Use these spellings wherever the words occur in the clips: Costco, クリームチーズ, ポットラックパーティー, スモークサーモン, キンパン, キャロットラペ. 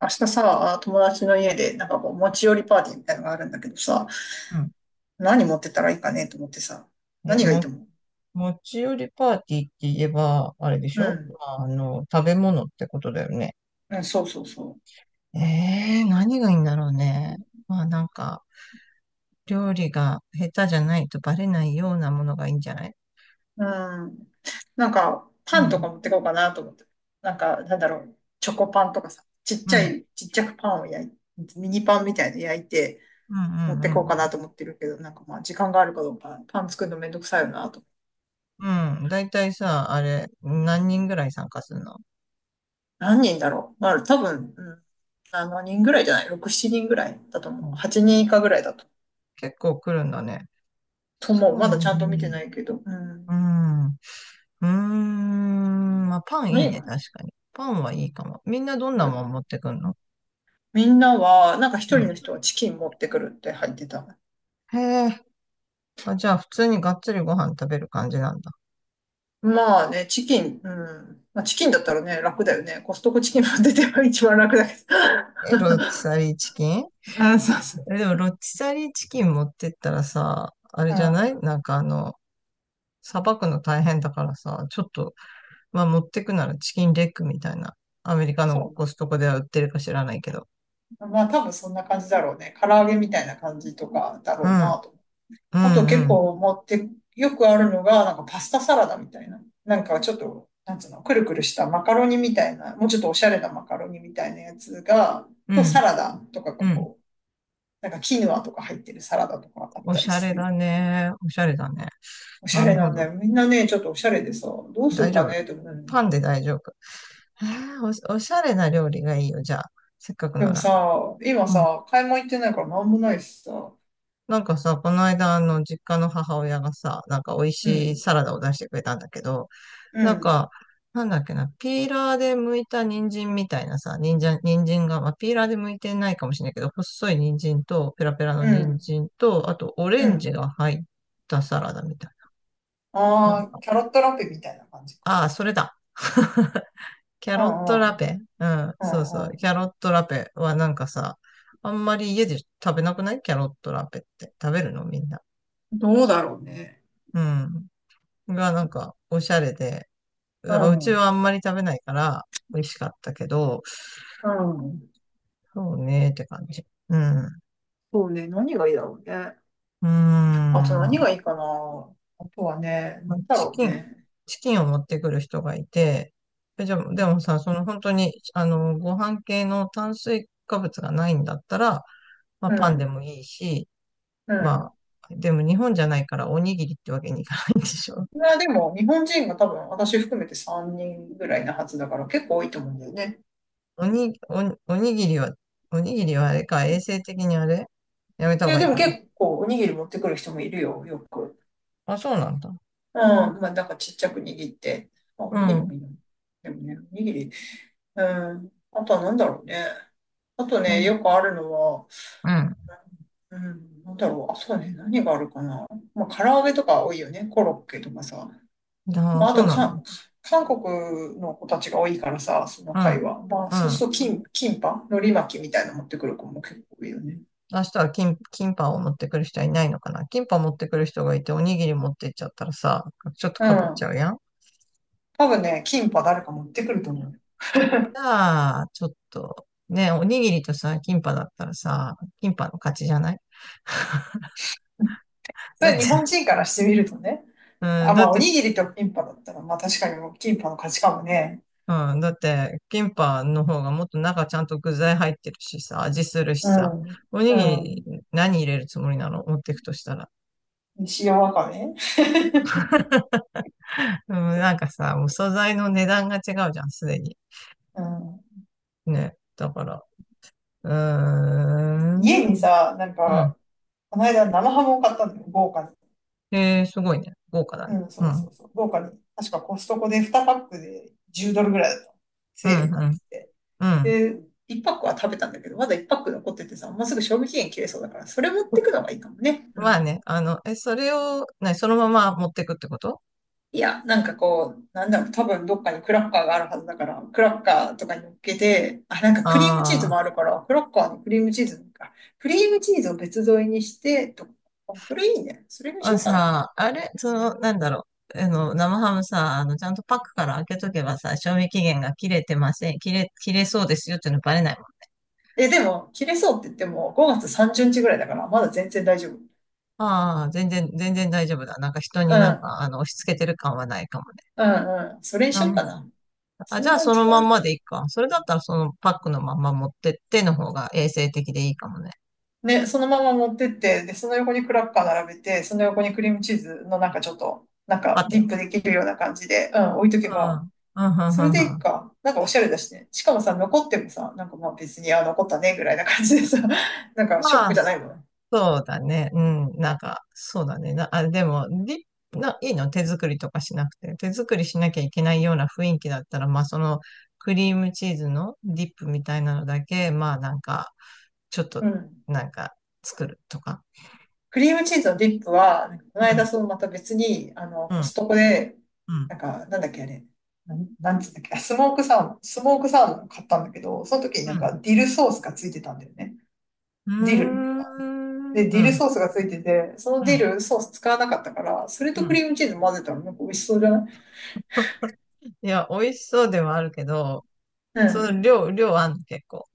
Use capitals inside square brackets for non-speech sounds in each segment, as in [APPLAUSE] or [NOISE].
明日さ、友達の家で、なんかこう、持ち寄りパーティーみたいなのがあるんだけどさ、うん。何持ってったらいいかねと思ってさ、ね、何がいいと思う？持ち寄りパーティーって言えば、あれでしうょ、まん。あ、あの、食べ物ってことだよね。うん、そうそうそえ何がいいんだろうね。まあ、なんか、料理が下手じゃないとバレないようなものがいいんじゃない？う。うん。なんか、うパンとん、か持ってこうかなと思って。なんか、なんだろう、チョコパンとかさ、ちっうちゃん、い、ちっちゃくパンをミニパンみたいの焼いて、うん、う持っん、てうこうかなん、と思ってるけど、なんかまあ、時間があるかどうか、パン作るのめんどくさいよなと。うん。だいたいさ、あれ、何人ぐらい参加するの？何人だろう。まあ、多分、うん、7人ぐらいじゃない ?6、7人ぐらいだとう思う。ん、8人以下ぐらいだと結構来るんだね。とそ思う。まうだちゃんと見てね。ないけど。うん。うん。うーん、まあ、パンいい何ね、が？確かに。パンはいいかも。みんなどんなもん持ってくんの？みんなは、なんか一人の人はチキン持ってくるって入ってた。へえ。あ、じゃあ、普通にがっつりご飯食べる感じなんだ。まあね、チキン、うん。まあ、チキンだったらね、楽だよね。コストコチキン持ってては一番楽だけど。え、ロティサリーチキン？ [LAUGHS] あ、そうそう。え、でも、ロティサリーチキン持ってったらさ、あれうじゃない、ん。なんかあの、さばくの大変だからさ、ちょっと、まあ、持ってくならチキンレッグみたいな、アメリカのそコストコでは売ってるか知らないけど。う。まあ多分そんな感じだろうね。唐揚げみたいな感じとかだうろうん、なうと。あとん、う結ん、構持って、よくあるのが、なんかパスタサラダみたいな。なんかちょっと、なんつうの、くるくるしたマカロニみたいな、もうちょっとおしゃれなマカロニみたいなやつが、うとサん、ラダとかがうん。こう、なんかキヌアとか入ってるサラダとかあっおたしりゃすれるよ。だね。おしゃれだね。おしゃなれるなほんど。だよ。みんなね、ちょっとおしゃれでさ、どうする大丈か夫。ねって思うのに。パンで大丈夫。へえ、おしゃれな料理がいいよ、じゃあ。せっかくでなもら。さ、今さ、買い物行ってないからなんもないしさ、なんかさ、この間、あの、実家の母親がさ、なんか美味うしいん、サラダを出してくれたんだけど、うなんん、か、なんだっけな、ピーラーで剥いた人参みたいなさ、人参が、まあ、ピーラーで剥いてないかもしれないけど、細い人参と、ペラペラのう人ん、参と、あと、オレうンジん。が入ったサラダみたいな。なんあかあ、キャロットラペみたいな感じか。ああ、それだ。[LAUGHS] キャうロットんラうん、ペ。うん、うんそうそう。うキん。ャロットラペはなんかさ、あんまり家で食べなくないキャロットラペって。食べるのみんな？どうだろうね。うん。がなんかおしゃれで、ううわうちん。はあんまり食べないから美味しかったけど、うん。そうねーって感じ。うん。うそうね。何がいいだろうね。ーあと何ん。がいいかな。あとはね、まあ何だチろうキン、ね。チキンを持ってくる人がいて、じゃあ、でもさ、その本当に、あの、ご飯系の炭水化物がないんだったら、まあうパンでん。もいいし、うまん。あ、でも日本じゃないからおにぎりってわけにいかないんでしょ？まあでも、日本人が多分、私含めて3人ぐらいなはずだから、結構多いと思うんだよね。[LAUGHS] おに、おに、おにぎりは、おにぎりはあれか、衛生的にあれやめたい方や、がいでいもかな。結構、おにぎり持ってくる人もいるよ、よく。あ、そうなんだ。うん。うん、まあ、なんかちっちゃく握って。あ、おうにぎりん。もいいの。でもね、おにぎり。うん。あとは何だろうね。あとうね、ん。よくあるのは、うん。うん、なんだろう。あ、そうね。何があるかな。まあ、唐揚げとか多いよね。コロッケとかさ。ああ、まあ、あそうとなんだ。か、韓国の子たちが多いからさ、そのう会ん。話。まあ、うそうするん。と、キンパ海苔巻きみたいなの持ってくる子も結構多いよね。明日はキンパンを持ってくる人はいないのかな。キンパン持ってくる人がいて、おにぎり持ってっちゃったらさ、ちょっとうかぶっちゃん。うやん。多分ね、キンパ誰か持ってくると思うよ。じゃあ、ちょっと、ね、おにぎりとさ、キンパンだったらさ、キンパンの勝ちじゃない？ [LAUGHS] うん。そだって、れ日本人からしてみるとね。うあ、ん、だまっあ、おて、にぎりとキンパだったら、まあ確かにもうキンパの価値観もね。うん、だって、キンパンの方がもっと中ちゃんと具材入ってるしさ、味するしうさ、ん。おにぎうりん。何入れるつもりなの持ってくとしたら？塩わかめ。[LAUGHS] うん、なんかさ、もう素材の値段が違うじゃん、すでに。うん。ね。だから、うーん。家にさ、なんうん。か、この間生ハムを買ったんだよ、豪華に。えー、すごいね。豪華だね。うん、うそうん。そうそう、豪華に。確かコストコで2パックで10ドルぐらいだった。うセん、ールになうっん、てて。うん。で、1パックは食べたんだけど、まだ1パック残っててさ、もうすぐ賞味期限切れそうだから、それ持ってくのがいいかもね。うまあん。ね、あの、それを、そのまま持ってくってこと？いや、なんかこう、なんだろう、多分どっかにクラッカーがあるはずだから、クラッカーとかに乗っけて、あ、なんかクリームチーズもああるから、クラッカーにクリームチーズなんか、クリームチーズを別添えにして、とか、あ、それいいね。それにあしー、ようかな。あれ、その、なんだろう、あの、生ハムさ、あの、ちゃんとパックから開けとけばさ、賞味期限が切れてません、切れそうですよっていうのバレないもん。え、でも、切れそうって言っても、5月30日ぐらいだから、まだ全然大丈夫。ああ、全然大丈夫だ。なんか人にうなんん、か、あの、押し付けてる感はないかもね。うん、うん。それにしようかな。あ、そじれゃあがその一まん番。までいいか。それだったらそのパックのまんま持ってっての方が衛生的でいいかもね。ね、そのまま持ってって、で、その横にクラッカー並べて、その横にクリームチーズのなんかちょっと、なんパかテディッン。プできるような感じで、うん、置いとけうば、ん。うん、うそれん、うでん、いいうん。か。なんかおしゃれだしね。しかもさ、残ってもさ、なんかまあ別に、あ、残ったね、ぐらいな感じでさ、[LAUGHS] なんかショッまクあ、じゃないもんね。そうだね。うん。なんか、そうだね。あ、でも、いいの手作りとかしなくて。手作りしなきゃいけないような雰囲気だったら、まあそのクリームチーズのディップみたいなのだけ、まあなんか、ちょっうと、ん。なんか、作るとか。クリームチーズのディップは、なんかこうの間、ん、そのまた別に、あの、うコん、ストコで、うん、なんか、なんだっけ、あれ、なんつうんだっけ、あ、スモークサーモンを買ったんだけど、その時になうんん。かディルソースがついてたんだよね。うーディル。ん、で、ディうルん、ソースがついてて、そのうデん、ィルソース使わなかったから、それうとクん。リームチーズ混ぜたらなんか美味しそうじゃない？いや、美味しそうではあるけど、うそのん。量あんの、結構？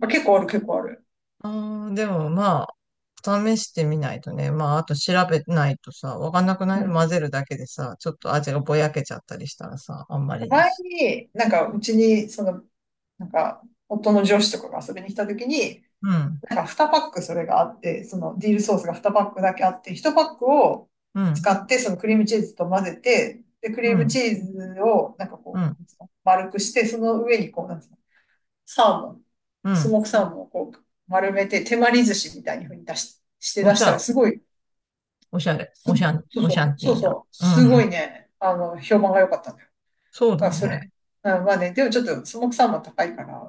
まあ、結構ある、結構ある。あーでもまあ、試してみないとね。まあ、あと調べないとさ、わかんなくなうい？混ん。ぜるだけでさ、ちょっと味がぼやけちゃったりしたらさ、あんまりだ前し。に、なんか、うちに、その、なんか、夫の上司とかが遊びに来た時に、うん、なんか2パックそれがあって、そのディルソースが2パックだけあって、1パックをうん、使って、そのクリームチーズと混ぜて、で、クうリームん、チーズを、なんかうこん、う、丸くして、その上にこう、なんつうの、サーモン、うスん。モークサーモンをこう、丸めて、手まり寿司みたいに風にしてお出ししたら、ゃ、すごい、おしゃれ、す、おしゃん、そうおしそゃう、んそティうーな。そう、うん、すごいね、あの、評判が良かったんだよ。そうだだからそれ、ね。うん、まあね、でもちょっとスモークサーモン高いから、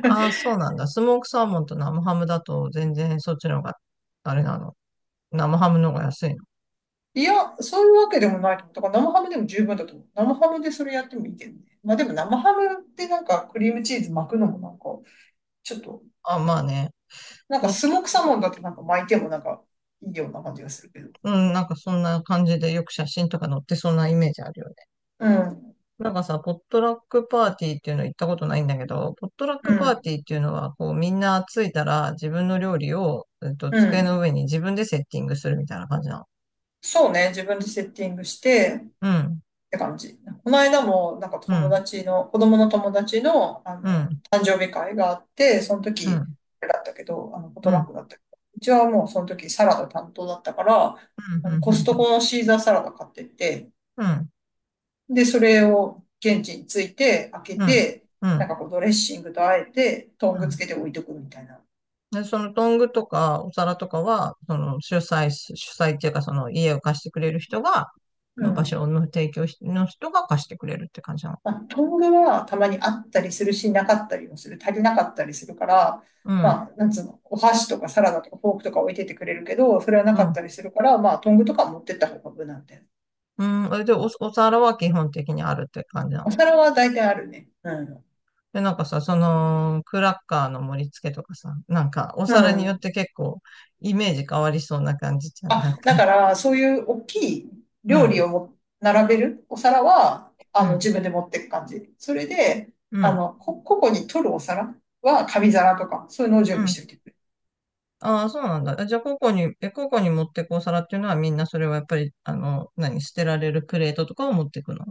ああ、そうなんだ。スモークサーモンと生ハムだと全然そっちの方が、あれなの？生ハムの方が安いの？いや、そういうわけでもないと思う。だから生ハムでも十分だと思う。生ハムでそれやってもいいけどね。まあでも生ハムってなんかクリームチーズ巻くのもなんか、ちょっと、あ、まあね。なんポかッスモークサーモンだとなんか巻いてもなんかいいような感じがするけど。うん、なんかそんな感じでよく写真とか載ってそうなイメージあるよね。うん、なんかさ、ポットラックパーティーっていうの行ったことないんだけど、ポットラッうクパーん、ティーっていうのは、こうみんな着いたら自分の料理を、う机ん。の上に自分でセッティングするみたいな感じなの？そうね、自分でセッティングして、っうん、て感じ。この間も、なんかう友ん、達の、子供の友達の、あうの、ん、誕生日会があって、そのうん、う時、ん、あれだったけど、あの、ポうトん、うラッん、クだったけど、うちはもうその時サラダ担当だったから、うあの、コストん、コのシーザーサラダ買ってって、うん、で、それを現地に着いて、開けうん、て、うなんん。かこうドレッシングとあえて、トンうグつんけて置いとくみたいな。で、そのトングとかお皿とかは、その主催っていうかその家を貸してくれる人が、うまあ、場ん。所の提供しの人が貸してくれるって感じなの？まあ、トングはたまにあったりするし、なかったりもする。足りなかったりするから、うん、まあ、なんつうの、お箸とかサラダとかフォークとか置いててくれるけど、それはなうかっん、たりするから、まあ、トングとか持ってった方が無難だよ。うん。で、お皿は基本的にあるって感じなおの皿は大体あるね。うん。で、なんかさ、その、クラッカーの盛り付けとかさ、なんか、おう皿によっん。て結構、イメージ変わりそうな感じじゃん、あ、なんだかか。ら、そういう大きいう料理ん、をも並べるお皿は、あうの、ん、自分で持ってく感じ。それで、うあん、の、個々に取るお皿は紙皿とか、そういうのをう準備しん。ておいて。ああ、そうなんだ。じゃあ、個々に持ってくお皿っていうのは、みんなそれはやっぱり、あの、何、捨てられるプレートとかを持ってくの？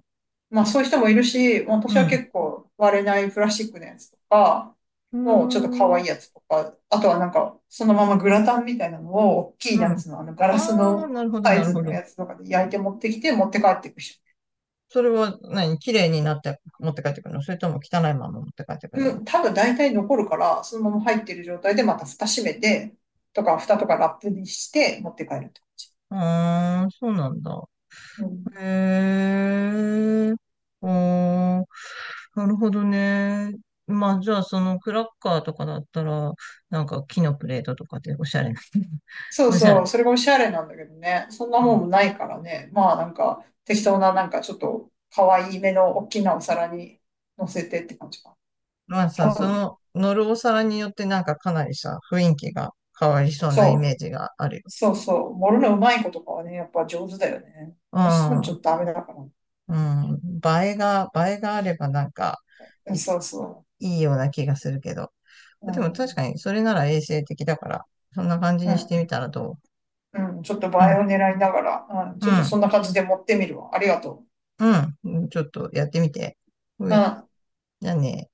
まあそういう人もいるし、う私はん。結構割れないプラスチックのやつとか、うーもうちょっと可愛ん、いやつとか、あとはなんかそのままグラタンみたいなのを大きいうやん。つのあのガラスああ、のなるほど、サなイるズほのど。やつとかで焼いて持ってきて持って帰っていく人。それは何綺麗になって持って帰ってくるの？それとも汚いまま持って帰ってくるうの？ん、多分大体残るから、そのまま入ってる状態でまた蓋閉めて、とか蓋とかラップにして持って帰ると。うーん、そうなんだ。うん。へえ。おー、なるほどね。まあ、じゃあ、そのクラッカーとかだったら、なんか木のプレートとかでおしゃれな。[LAUGHS] そうおしゃそれ。う、それがおしゃれなんだけどね。そんなうもんんもないからね。まあなんか適当ななんかちょっと可愛い目の大きなお皿に乗せてって感じか。まあさ、多そ分ね。の乗るお皿によってなんかかなりさ、雰囲気が変わりそうなイメそーう、ジがあるよ。そうそう。盛るのうまい子とかはね、やっぱ上手だよね。私そういうのちょっうとダメだから。うん。うん。映えがあればなんか、ん。そうそいいような気がするけど。う。うでも確ん。かにそれなら衛生的だから、そんな感じうにしてみん。たらどうん。ちょっと映う？うえん、を狙いながら、うん。うちょっとそんな感じで持ってみるわ。ありがとん、うん。ちょっとやってみて。ほう。うい。ん。じゃあね。